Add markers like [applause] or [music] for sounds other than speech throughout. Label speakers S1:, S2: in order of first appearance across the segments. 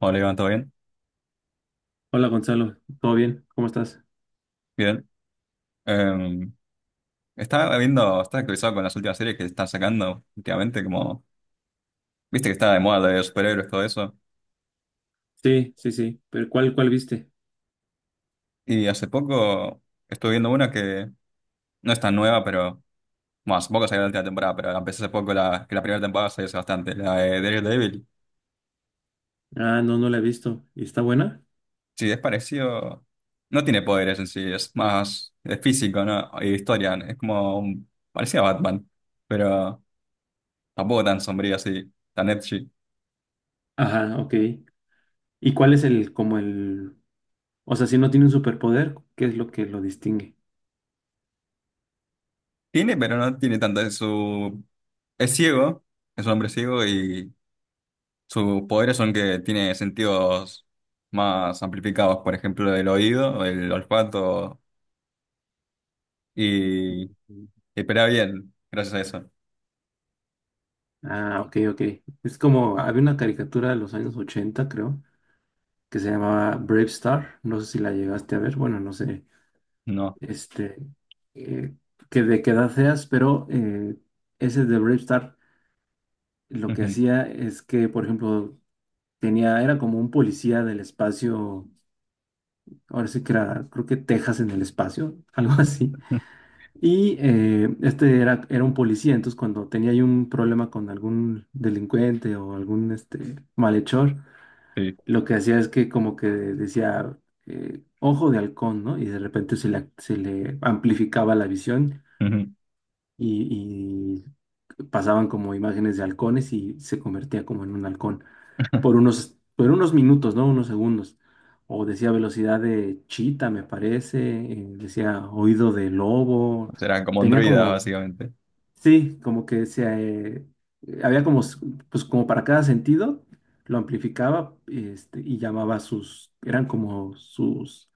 S1: Hola Iván, ¿todo bien?
S2: Hola Gonzalo, ¿todo bien? ¿Cómo estás?
S1: Bien. Eh, estaba viendo, estaba actualizado con las últimas series que están sacando últimamente, como, viste que está de moda de superhéroes, todo eso.
S2: Sí, sí, sí, pero ¿cuál, cuál viste?
S1: Y hace poco estuve viendo una que no es tan nueva, pero, bueno, hace poco salió la última temporada, pero la empecé hace poco, la, que la primera temporada salió hace bastante, la de Daredevil.
S2: Ah, no, no la he visto. ¿Y está buena?
S1: Sí, es parecido, no tiene poderes en sí, es más, es físico, ¿no? Y historia, es como, parecía Batman, pero tampoco tan sombrío así, tan edgy.
S2: Ajá, ok. ¿Y cuál es el, o sea, si no tiene un superpoder, ¿qué es lo que lo distingue?
S1: Tiene, pero no tiene tanto de su. Es ciego, es un hombre ciego y sus poderes son que tiene sentidos más amplificados, por ejemplo, el oído, el olfato y
S2: Mm.
S1: espera bien, gracias a eso.
S2: Ah, ok, ok. Es como, había una caricatura de los años 80, creo, que se llamaba Brave Star. No sé si la llegaste a ver, bueno, no sé,
S1: No.
S2: este, eh, que de qué edad seas, pero ese de Brave Star lo que
S1: Ujú.
S2: hacía es que, por ejemplo, tenía, era como un policía del espacio, ahora sí que era, creo que Texas en el espacio, [laughs] algo así.
S1: [laughs]
S2: Y este era, era un policía, entonces cuando tenía ahí un problema con algún delincuente o algún este, malhechor,
S1: Sí.
S2: lo que hacía es que como que decía, ojo de halcón, ¿no? Y de repente se le amplificaba la visión
S1: Ujú.
S2: y, y pasaban como imágenes de halcones y se convertía como en un halcón, por unos minutos, ¿no? Unos segundos. O decía velocidad de chita, me parece, decía oído de lobo.
S1: Será como un
S2: Tenía
S1: druida,
S2: como,
S1: básicamente.
S2: sí, como que se, eh, había como, pues como para cada sentido, lo amplificaba, este, y llamaba sus, eran como sus,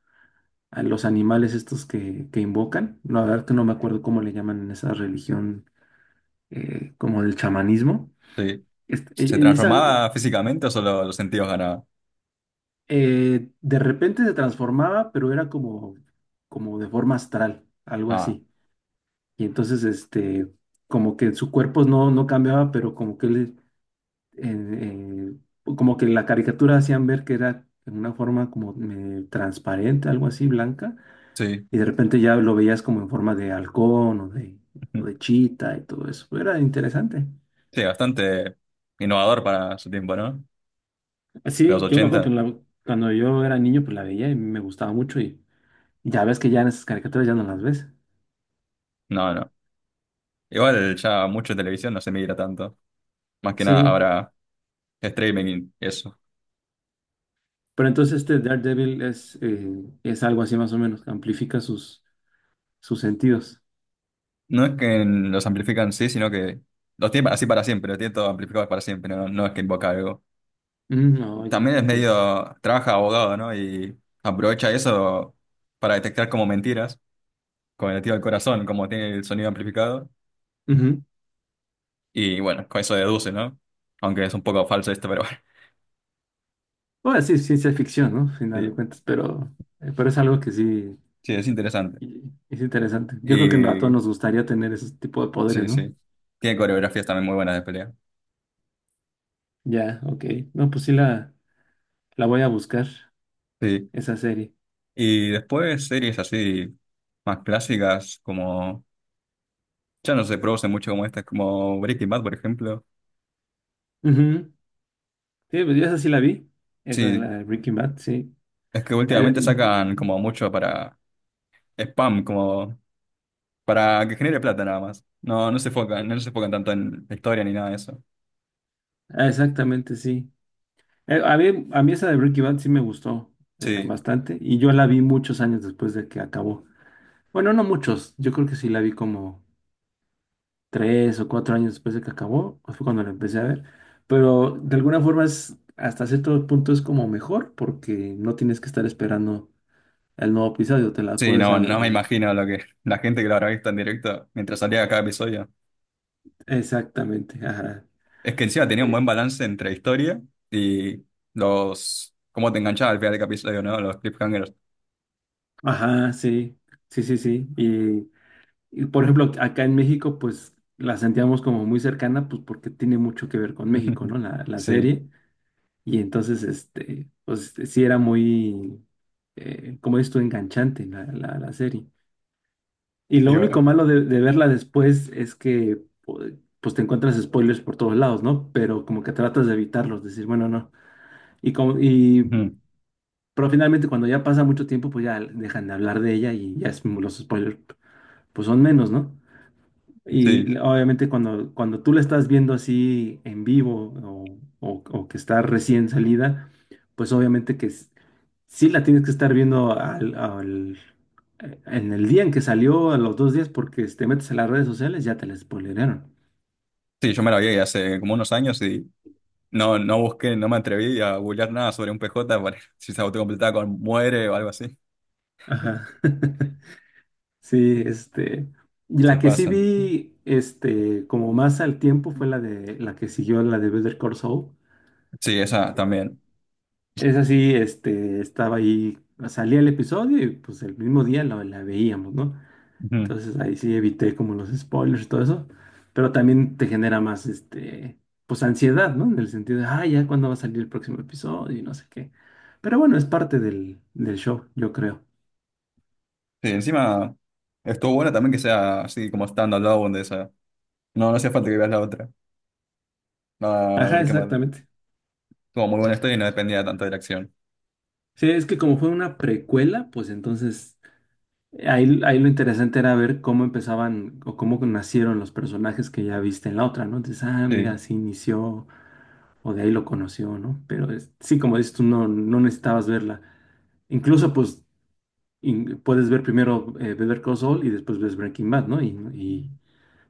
S2: a los animales estos que invocan. La verdad que no me acuerdo cómo le llaman en esa religión, como del chamanismo.
S1: Sí.
S2: Este,
S1: ¿Se
S2: y esa,
S1: transformaba físicamente o solo los sentidos ganaba?
S2: De repente se transformaba, pero era como, como de forma astral, algo
S1: Ah,
S2: así. Y entonces, este, como que su cuerpo no cambiaba, pero como que él, eh, como que en la caricatura hacían ver que era en una forma como transparente, algo así, blanca.
S1: sí.
S2: Y de repente ya lo veías como en forma de halcón o de
S1: [laughs]
S2: chita y todo eso. Era interesante.
S1: Sí, bastante innovador para su tiempo, ¿no? De los
S2: Sí, yo me acuerdo que
S1: ochenta.
S2: cuando yo era niño, pues la veía y me gustaba mucho. Y ya ves que ya en esas caricaturas ya no las ves.
S1: No, no. Igual ya mucho televisión no se mira tanto. Más que nada
S2: Sí,
S1: ahora. Streaming, eso.
S2: pero entonces este Daredevil es algo así más o menos, amplifica sus, sus sentidos.
S1: No es que los amplifican sí, sino que los tiene así para siempre, los tiene todo amplificado para siempre, no, no es que invoca algo.
S2: Mm, oh, ya,
S1: También es
S2: ok.
S1: medio, trabaja abogado, ¿no? Y aprovecha eso para detectar como mentiras, con el tío del corazón, como tiene el sonido amplificado.
S2: Ujú.
S1: Y bueno, con eso deduce, ¿no? Aunque es un poco falso esto, pero bueno,
S2: Bueno, sí, es ciencia ficción, ¿no? Al
S1: [laughs]
S2: final de
S1: sí,
S2: cuentas, pero es algo que sí
S1: sí, es interesante.
S2: y- es interesante. Yo creo que a todos
S1: Y
S2: nos gustaría tener ese tipo de poderes,
S1: sí,
S2: ¿no?
S1: sí. Tiene coreografías también muy buenas de pelea.
S2: Ya, ok. No, pues sí la voy a buscar,
S1: Sí.
S2: esa serie.
S1: Y después series así más clásicas como... Ya no se produce mucho como estas, como Breaking Bad, por ejemplo.
S2: Ujú. Sí, pues yo esa sí la vi, esa de la
S1: Sí,
S2: de Breaking Bad, sí.
S1: es que
S2: Eh,
S1: últimamente sacan como mucho para spam, como para que genere plata nada más. No, no se enfocan, no se enfocan tanto en la historia ni nada de eso.
S2: Exactamente, sí. A mí esa de Breaking Bad sí me gustó
S1: Sí,
S2: bastante y yo la vi muchos años después de que acabó. Bueno, no muchos, yo creo que sí la vi como tres o cuatro años después de que acabó, pues fue cuando la empecé a ver, pero de alguna forma es, hasta cierto punto es como mejor porque no tienes que estar esperando el nuevo episodio, te la
S1: sí,
S2: puedes
S1: no, no me
S2: saber
S1: imagino lo que la gente que lo habrá visto en directo mientras salía cada episodio.
S2: exactamente, ajá.
S1: Es que encima tenía un
S2: Eh,
S1: buen balance entre historia y los, cómo te enganchaba al final de cada episodio, ¿no? Los cliffhangers.
S2: Ajá, sí, sí, sí, sí. Y, por ejemplo, acá en México, pues la sentíamos como muy cercana, pues porque tiene mucho que ver con México,
S1: [laughs]
S2: ¿no? La
S1: Sí,
S2: serie. Y entonces, este, pues sí era muy, como esto, enganchante la serie. Y
S1: y
S2: lo único
S1: bueno,
S2: malo de verla después es que, pues te encuentras spoilers por todos lados, ¿no? Pero como que tratas de evitarlos, decir, bueno, no. Y, como,
S1: [laughs]
S2: y,
S1: ujú,
S2: pero finalmente cuando ya pasa mucho tiempo, pues ya dejan de hablar de ella y ya los spoilers, pues son menos, ¿no?
S1: sí,
S2: Y obviamente cuando, cuando tú la estás viendo así en vivo o, o que está recién salida, pues obviamente que sí la tienes que estar viendo al, al, en el día en que salió, a los dos días, porque si te metes a las redes sociales ya te la spoilearon.
S1: sí, yo me lo vi hace como unos años y no, no busqué, no me atreví a googlear nada sobre un PJ para [laughs] si se autocompletaba con muere o algo así. [laughs]
S2: Ajá. [laughs] Sí, este. Y la
S1: Se
S2: que sí
S1: pasan.
S2: vi, este, como más al tiempo fue la de la que siguió la de Better Call Saul.
S1: Sí, esa también.
S2: Es así, este, estaba ahí, salía el episodio y pues el mismo día la, la veíamos, ¿no?
S1: Ujú.
S2: Entonces ahí sí evité como los spoilers y todo eso, pero también te genera más, este, pues ansiedad, ¿no? En el sentido de, ah, ya cuándo va a salir el próximo episodio y no sé qué. Pero bueno, es parte del, del show, yo creo.
S1: Sí, encima estuvo bueno también que sea así como stand-alone de esa. No, no hacía falta que veas la otra. Ah,
S2: Ajá,
S1: ver qué mal.
S2: exactamente.
S1: Tuvo muy buena historia y no dependía tanto de la acción.
S2: Sí, es que como fue una precuela, pues entonces ahí lo interesante era ver cómo empezaban o cómo nacieron los personajes que ya viste en la otra, ¿no? Entonces, ah, mira,
S1: Sí,
S2: así inició, o de ahí lo conoció, ¿no? Pero sí, como dices tú, no, no necesitabas verla. Incluso, pues, puedes ver primero Better Call Saul y después ves Breaking Bad, ¿no? Y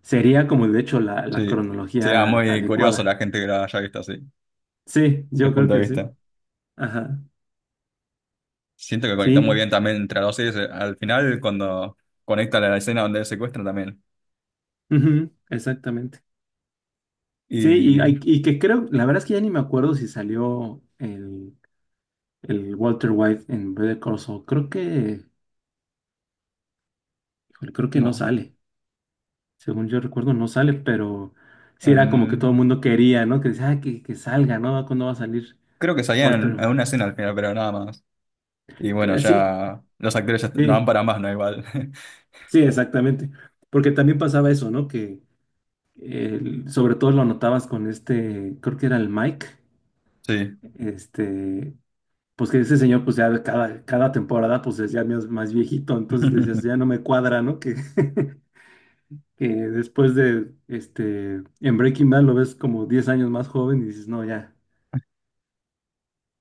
S2: sería como, de hecho, la
S1: sí. Sí, ah,
S2: cronología
S1: muy curioso
S2: adecuada.
S1: la gente que la haya visto así,
S2: Sí, yo
S1: desde
S2: creo
S1: punto de
S2: que sí.
S1: vista.
S2: Ajá.
S1: Siento que conectó muy
S2: Sí,
S1: bien también entre los series. Al final, cuando conecta la escena donde secuestran también.
S2: ujú, exactamente. Sí, y,
S1: Y
S2: y que creo, la verdad es que ya ni me acuerdo si salió el Walter White en Better Call Saul. Creo que, híjole, creo que no
S1: no.
S2: sale, según yo recuerdo, no sale, pero sí era como que todo el
S1: em,
S2: mundo quería, ¿no? Que decía, "Ah, que salga, ¿no? ¿Cuándo va a salir
S1: Creo que
S2: Walter?"
S1: salían en una escena al final, pero nada más. Y bueno,
S2: Que sí,
S1: ya los actores ya no van
S2: sí,
S1: para más, ¿no? Igual. [laughs]
S2: sí, exactamente. Porque también pasaba eso, ¿no? Que sobre todo lo notabas con este, creo que era el Mike,
S1: Sí.
S2: este, pues que ese señor, pues ya cada, cada temporada, pues es ya más, más viejito, entonces decías,
S1: [laughs]
S2: ya no me cuadra, ¿no? Que, [laughs] que después de, este, en Breaking Bad lo ves como 10 años más joven y dices, no, ya.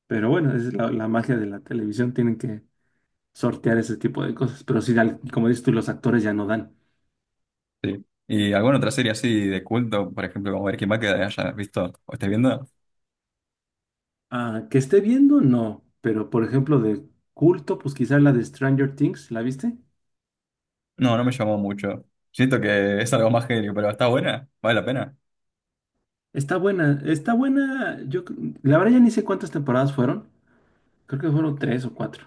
S2: Pero bueno, es la, la magia de la televisión, tienen que sortear ese tipo de cosas. Pero sí, como dices tú, los actores ya no dan.
S1: Sí. ¿Y alguna otra serie así de culto, por ejemplo, como Breaking Bad, que hayas visto o estés viendo?
S2: Ah, que esté viendo, no. Pero por ejemplo, de culto, pues quizás la de Stranger Things, ¿la viste?
S1: No, no me llamó mucho. Siento que es algo más genio, pero está buena, vale la pena.
S2: Está buena, está buena. Yo, la verdad ya ni sé cuántas temporadas fueron. Creo que fueron tres o cuatro.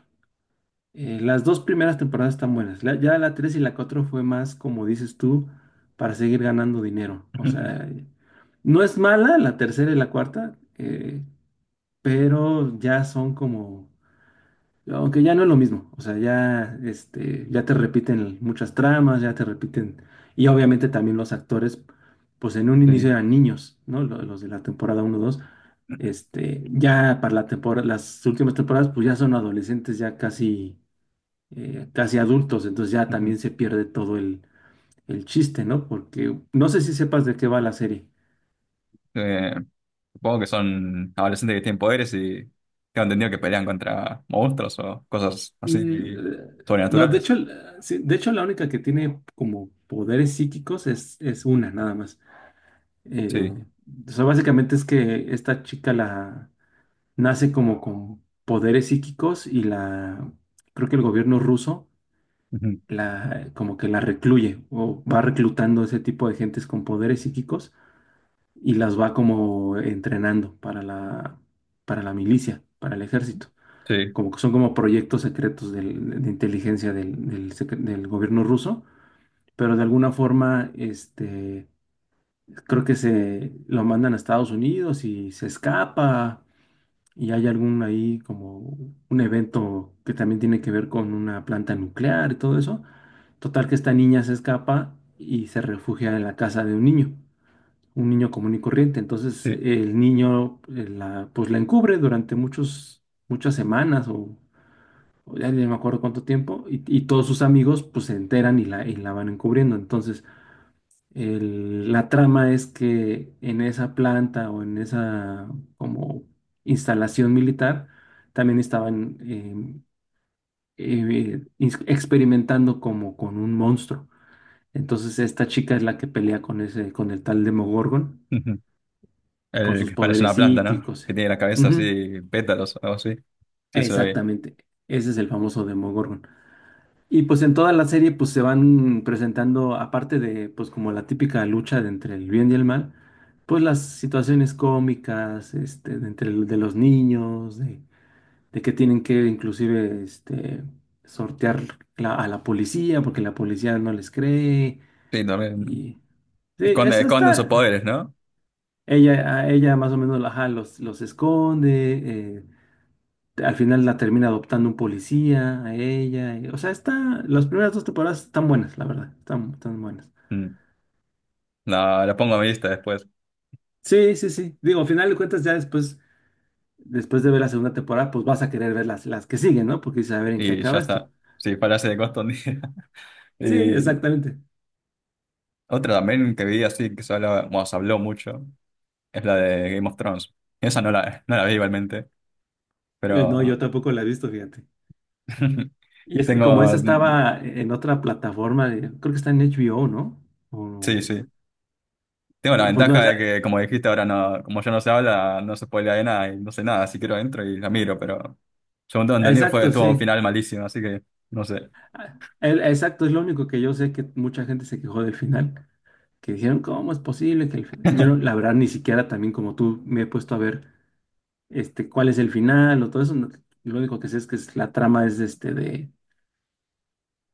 S2: Las dos primeras temporadas están buenas. Ya la tres y la cuatro fue más, como dices tú, para seguir ganando dinero. O
S1: [laughs]
S2: sea, no es mala la tercera y la cuarta, pero ya son como, aunque ya no es lo mismo, o sea, ya, este, ya te repiten muchas tramas, ya te repiten, y obviamente también los actores, pues en un inicio
S1: Sí.
S2: eran niños, ¿no? Los de la temporada uno dos este, ya para la temporada, las últimas temporadas, pues ya son adolescentes, ya casi, casi adultos, entonces ya
S1: Ujú.
S2: también se pierde todo el chiste, ¿no? Porque no sé si sepas de qué va la serie.
S1: Eh, supongo que son adolescentes que tienen poderes y tengo entendido que pelean contra monstruos o cosas así
S2: Mm, eh, No, de
S1: sobrenaturales.
S2: hecho, sí, de hecho la única que tiene como poderes psíquicos es una, nada más. Eh,
S1: Sí.
S2: o sea, básicamente es que esta chica la nace como con poderes psíquicos y la, creo que el gobierno ruso
S1: [laughs] Ujú.
S2: la, como que la recluye o va reclutando ese tipo de gentes con poderes psíquicos y las va como entrenando para la milicia, para el ejército,
S1: Sí,
S2: como que son como proyectos secretos de inteligencia del, del gobierno ruso, pero de alguna forma, este, creo que se lo mandan a Estados Unidos y se escapa y hay algún ahí como un evento que también tiene que ver con una planta nuclear y todo eso. Total que esta niña se escapa y se refugia en la casa de un niño común y corriente. Entonces
S1: sí.
S2: el niño la, pues la encubre durante muchos, muchas semanas o ya ni me acuerdo cuánto tiempo, y todos sus amigos pues se enteran y la van encubriendo. Entonces, la trama es que en esa planta o en esa como instalación militar también estaban experimentando como con un monstruo. Entonces, esta chica es la que pelea con ese, con el tal Demogorgon
S1: [laughs]
S2: y con
S1: El
S2: sus
S1: que parece
S2: poderes
S1: una planta, ¿no?
S2: psíquicos.
S1: Que tiene la cabeza
S2: Ujú,
S1: así, pétalos o algo así. Sí, se lo vi.
S2: exactamente, ese es el famoso Demogorgon. Y pues en toda la serie pues se van presentando, aparte de pues como la típica lucha de entre el bien y el mal, pues las situaciones cómicas, este, de entre de los niños, de que tienen que inclusive este, sortear a la policía porque la policía no les cree.
S1: Sí, también.
S2: Y sí,
S1: Esconde,
S2: eso
S1: esconden sus
S2: está.
S1: poderes, ¿no?
S2: Ella, a ella más o menos ajá, los esconde, al final la termina adoptando un policía, a ella, o sea, está, las primeras dos temporadas están buenas, la verdad. Están, están buenas.
S1: Mm. No, lo pongo a mi lista después.
S2: Sí, sí, sí. Digo, al final de cuentas, ya después, después de ver la segunda temporada, pues vas a querer ver las que siguen, ¿no? Porque dices, a ver en qué
S1: Y ya
S2: acaba esto.
S1: está. Sí, parece de costo un día. [laughs]
S2: Sí,
S1: Y
S2: exactamente.
S1: otra también que vi así, que se hablaba, bueno, se habló mucho, es la de Game of Thrones. Esa no la, no la vi igualmente, pero
S2: No, yo tampoco la he visto, fíjate.
S1: [laughs]
S2: Y es que como
S1: tengo...
S2: esa
S1: mm,
S2: estaba en otra plataforma, creo que está en HBO, ¿no? O-
S1: sí, sí. Tengo la
S2: y pues no,
S1: ventaja de que, como dijiste, ahora no, como ya no se habla, no se spoilea de nada y no sé nada, así que lo entro y la miro, pero según tengo entendido fue
S2: exacto,
S1: tuvo un
S2: sí.
S1: final malísimo, así que no sé.
S2: Exacto, es lo único que yo sé, que mucha gente se quejó del final, que dijeron, ¿cómo es posible que el final? Yo, la
S1: [laughs]
S2: verdad, ni siquiera también como tú me he puesto a ver este, cuál es el final o todo eso. Lo único que sé es que la trama es este de,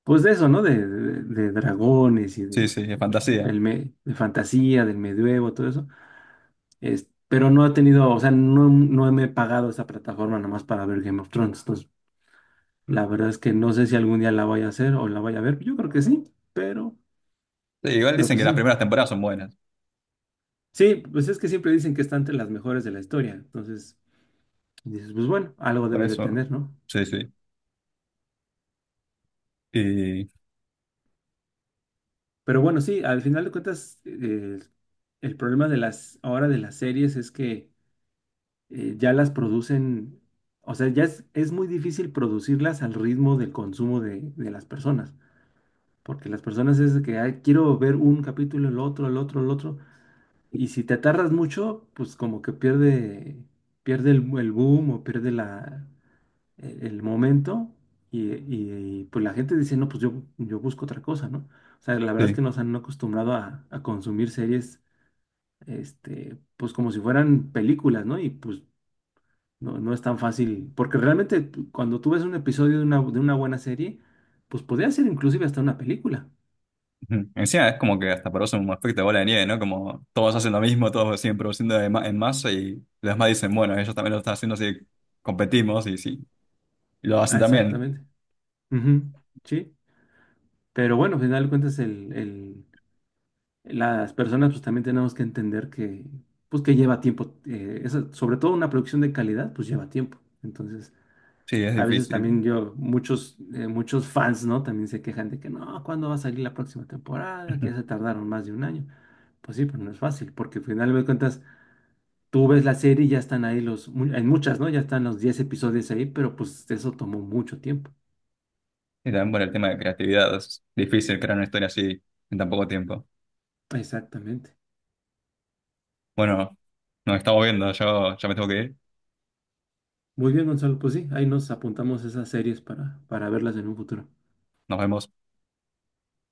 S2: pues de eso, ¿no? De, de dragones y
S1: Sí,
S2: de,
S1: sí, es fantasía.
S2: de fantasía, del medioevo, todo eso. Pero no he tenido, o sea, no, no me he pagado esa plataforma nomás para ver Game of Thrones. Entonces, la verdad es que no sé si algún día la voy a hacer o la voy a ver. Yo creo que sí, pero,
S1: Sí, igual
S2: pero
S1: dicen que
S2: pues
S1: las
S2: sí.
S1: primeras temporadas son buenas,
S2: Sí, pues es que siempre dicen que está entre las mejores de la historia. Entonces, dices, pues bueno, algo
S1: por
S2: debe de
S1: eso.
S2: tener, ¿no?
S1: Sí, sí. Y
S2: Pero bueno, sí, al final de cuentas, el problema de las, ahora de las series es que ya las producen, o sea, ya es muy difícil producirlas al ritmo del consumo de las personas. Porque las personas es de que "Ay, quiero ver un capítulo, el otro, el otro, el otro. Y si te tardas mucho, pues como que pierde, pierde el boom o pierde la, el momento y, pues la gente dice, no, pues yo busco otra cosa, ¿no? O sea, la verdad es
S1: sí.
S2: que nos han acostumbrado a consumir series, este, pues como si fueran películas, ¿no? Y pues no, no es tan fácil, porque realmente cuando tú ves un episodio de una buena serie, pues podría ser inclusive hasta una película.
S1: Ujú. Encima es como que hasta produce un efecto de bola de nieve, ¿no? Como todos hacen lo mismo, todos siguen produciendo de en masa y los demás dicen, bueno, ellos también lo están haciendo, así que competimos y sí, y lo hacen
S2: Ah,
S1: también.
S2: exactamente. Ujú, sí, pero bueno, al final de cuentas el, las personas pues también tenemos que entender que pues que lleva tiempo, sobre todo una producción de calidad pues lleva tiempo. Entonces,
S1: Sí, es
S2: a veces también
S1: difícil.
S2: yo, muchos, muchos fans, ¿no? También se quejan de que no, ¿cuándo va a salir la próxima temporada? Que ya se tardaron más de 1 año. Pues sí, pues no es fácil, porque al final de cuentas tú ves la serie y ya están ahí los, en muchas, ¿no? Ya están los 10 episodios ahí, pero pues eso tomó mucho tiempo.
S1: Y también por el tema de creatividad, es difícil crear una historia así en tan poco tiempo.
S2: Exactamente.
S1: Bueno, nos estamos viendo, yo ya me tengo que ir,
S2: Muy bien, Gonzalo, pues sí, ahí nos apuntamos esas series para verlas en un futuro.
S1: nos vemos.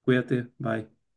S2: Cuídate, bye.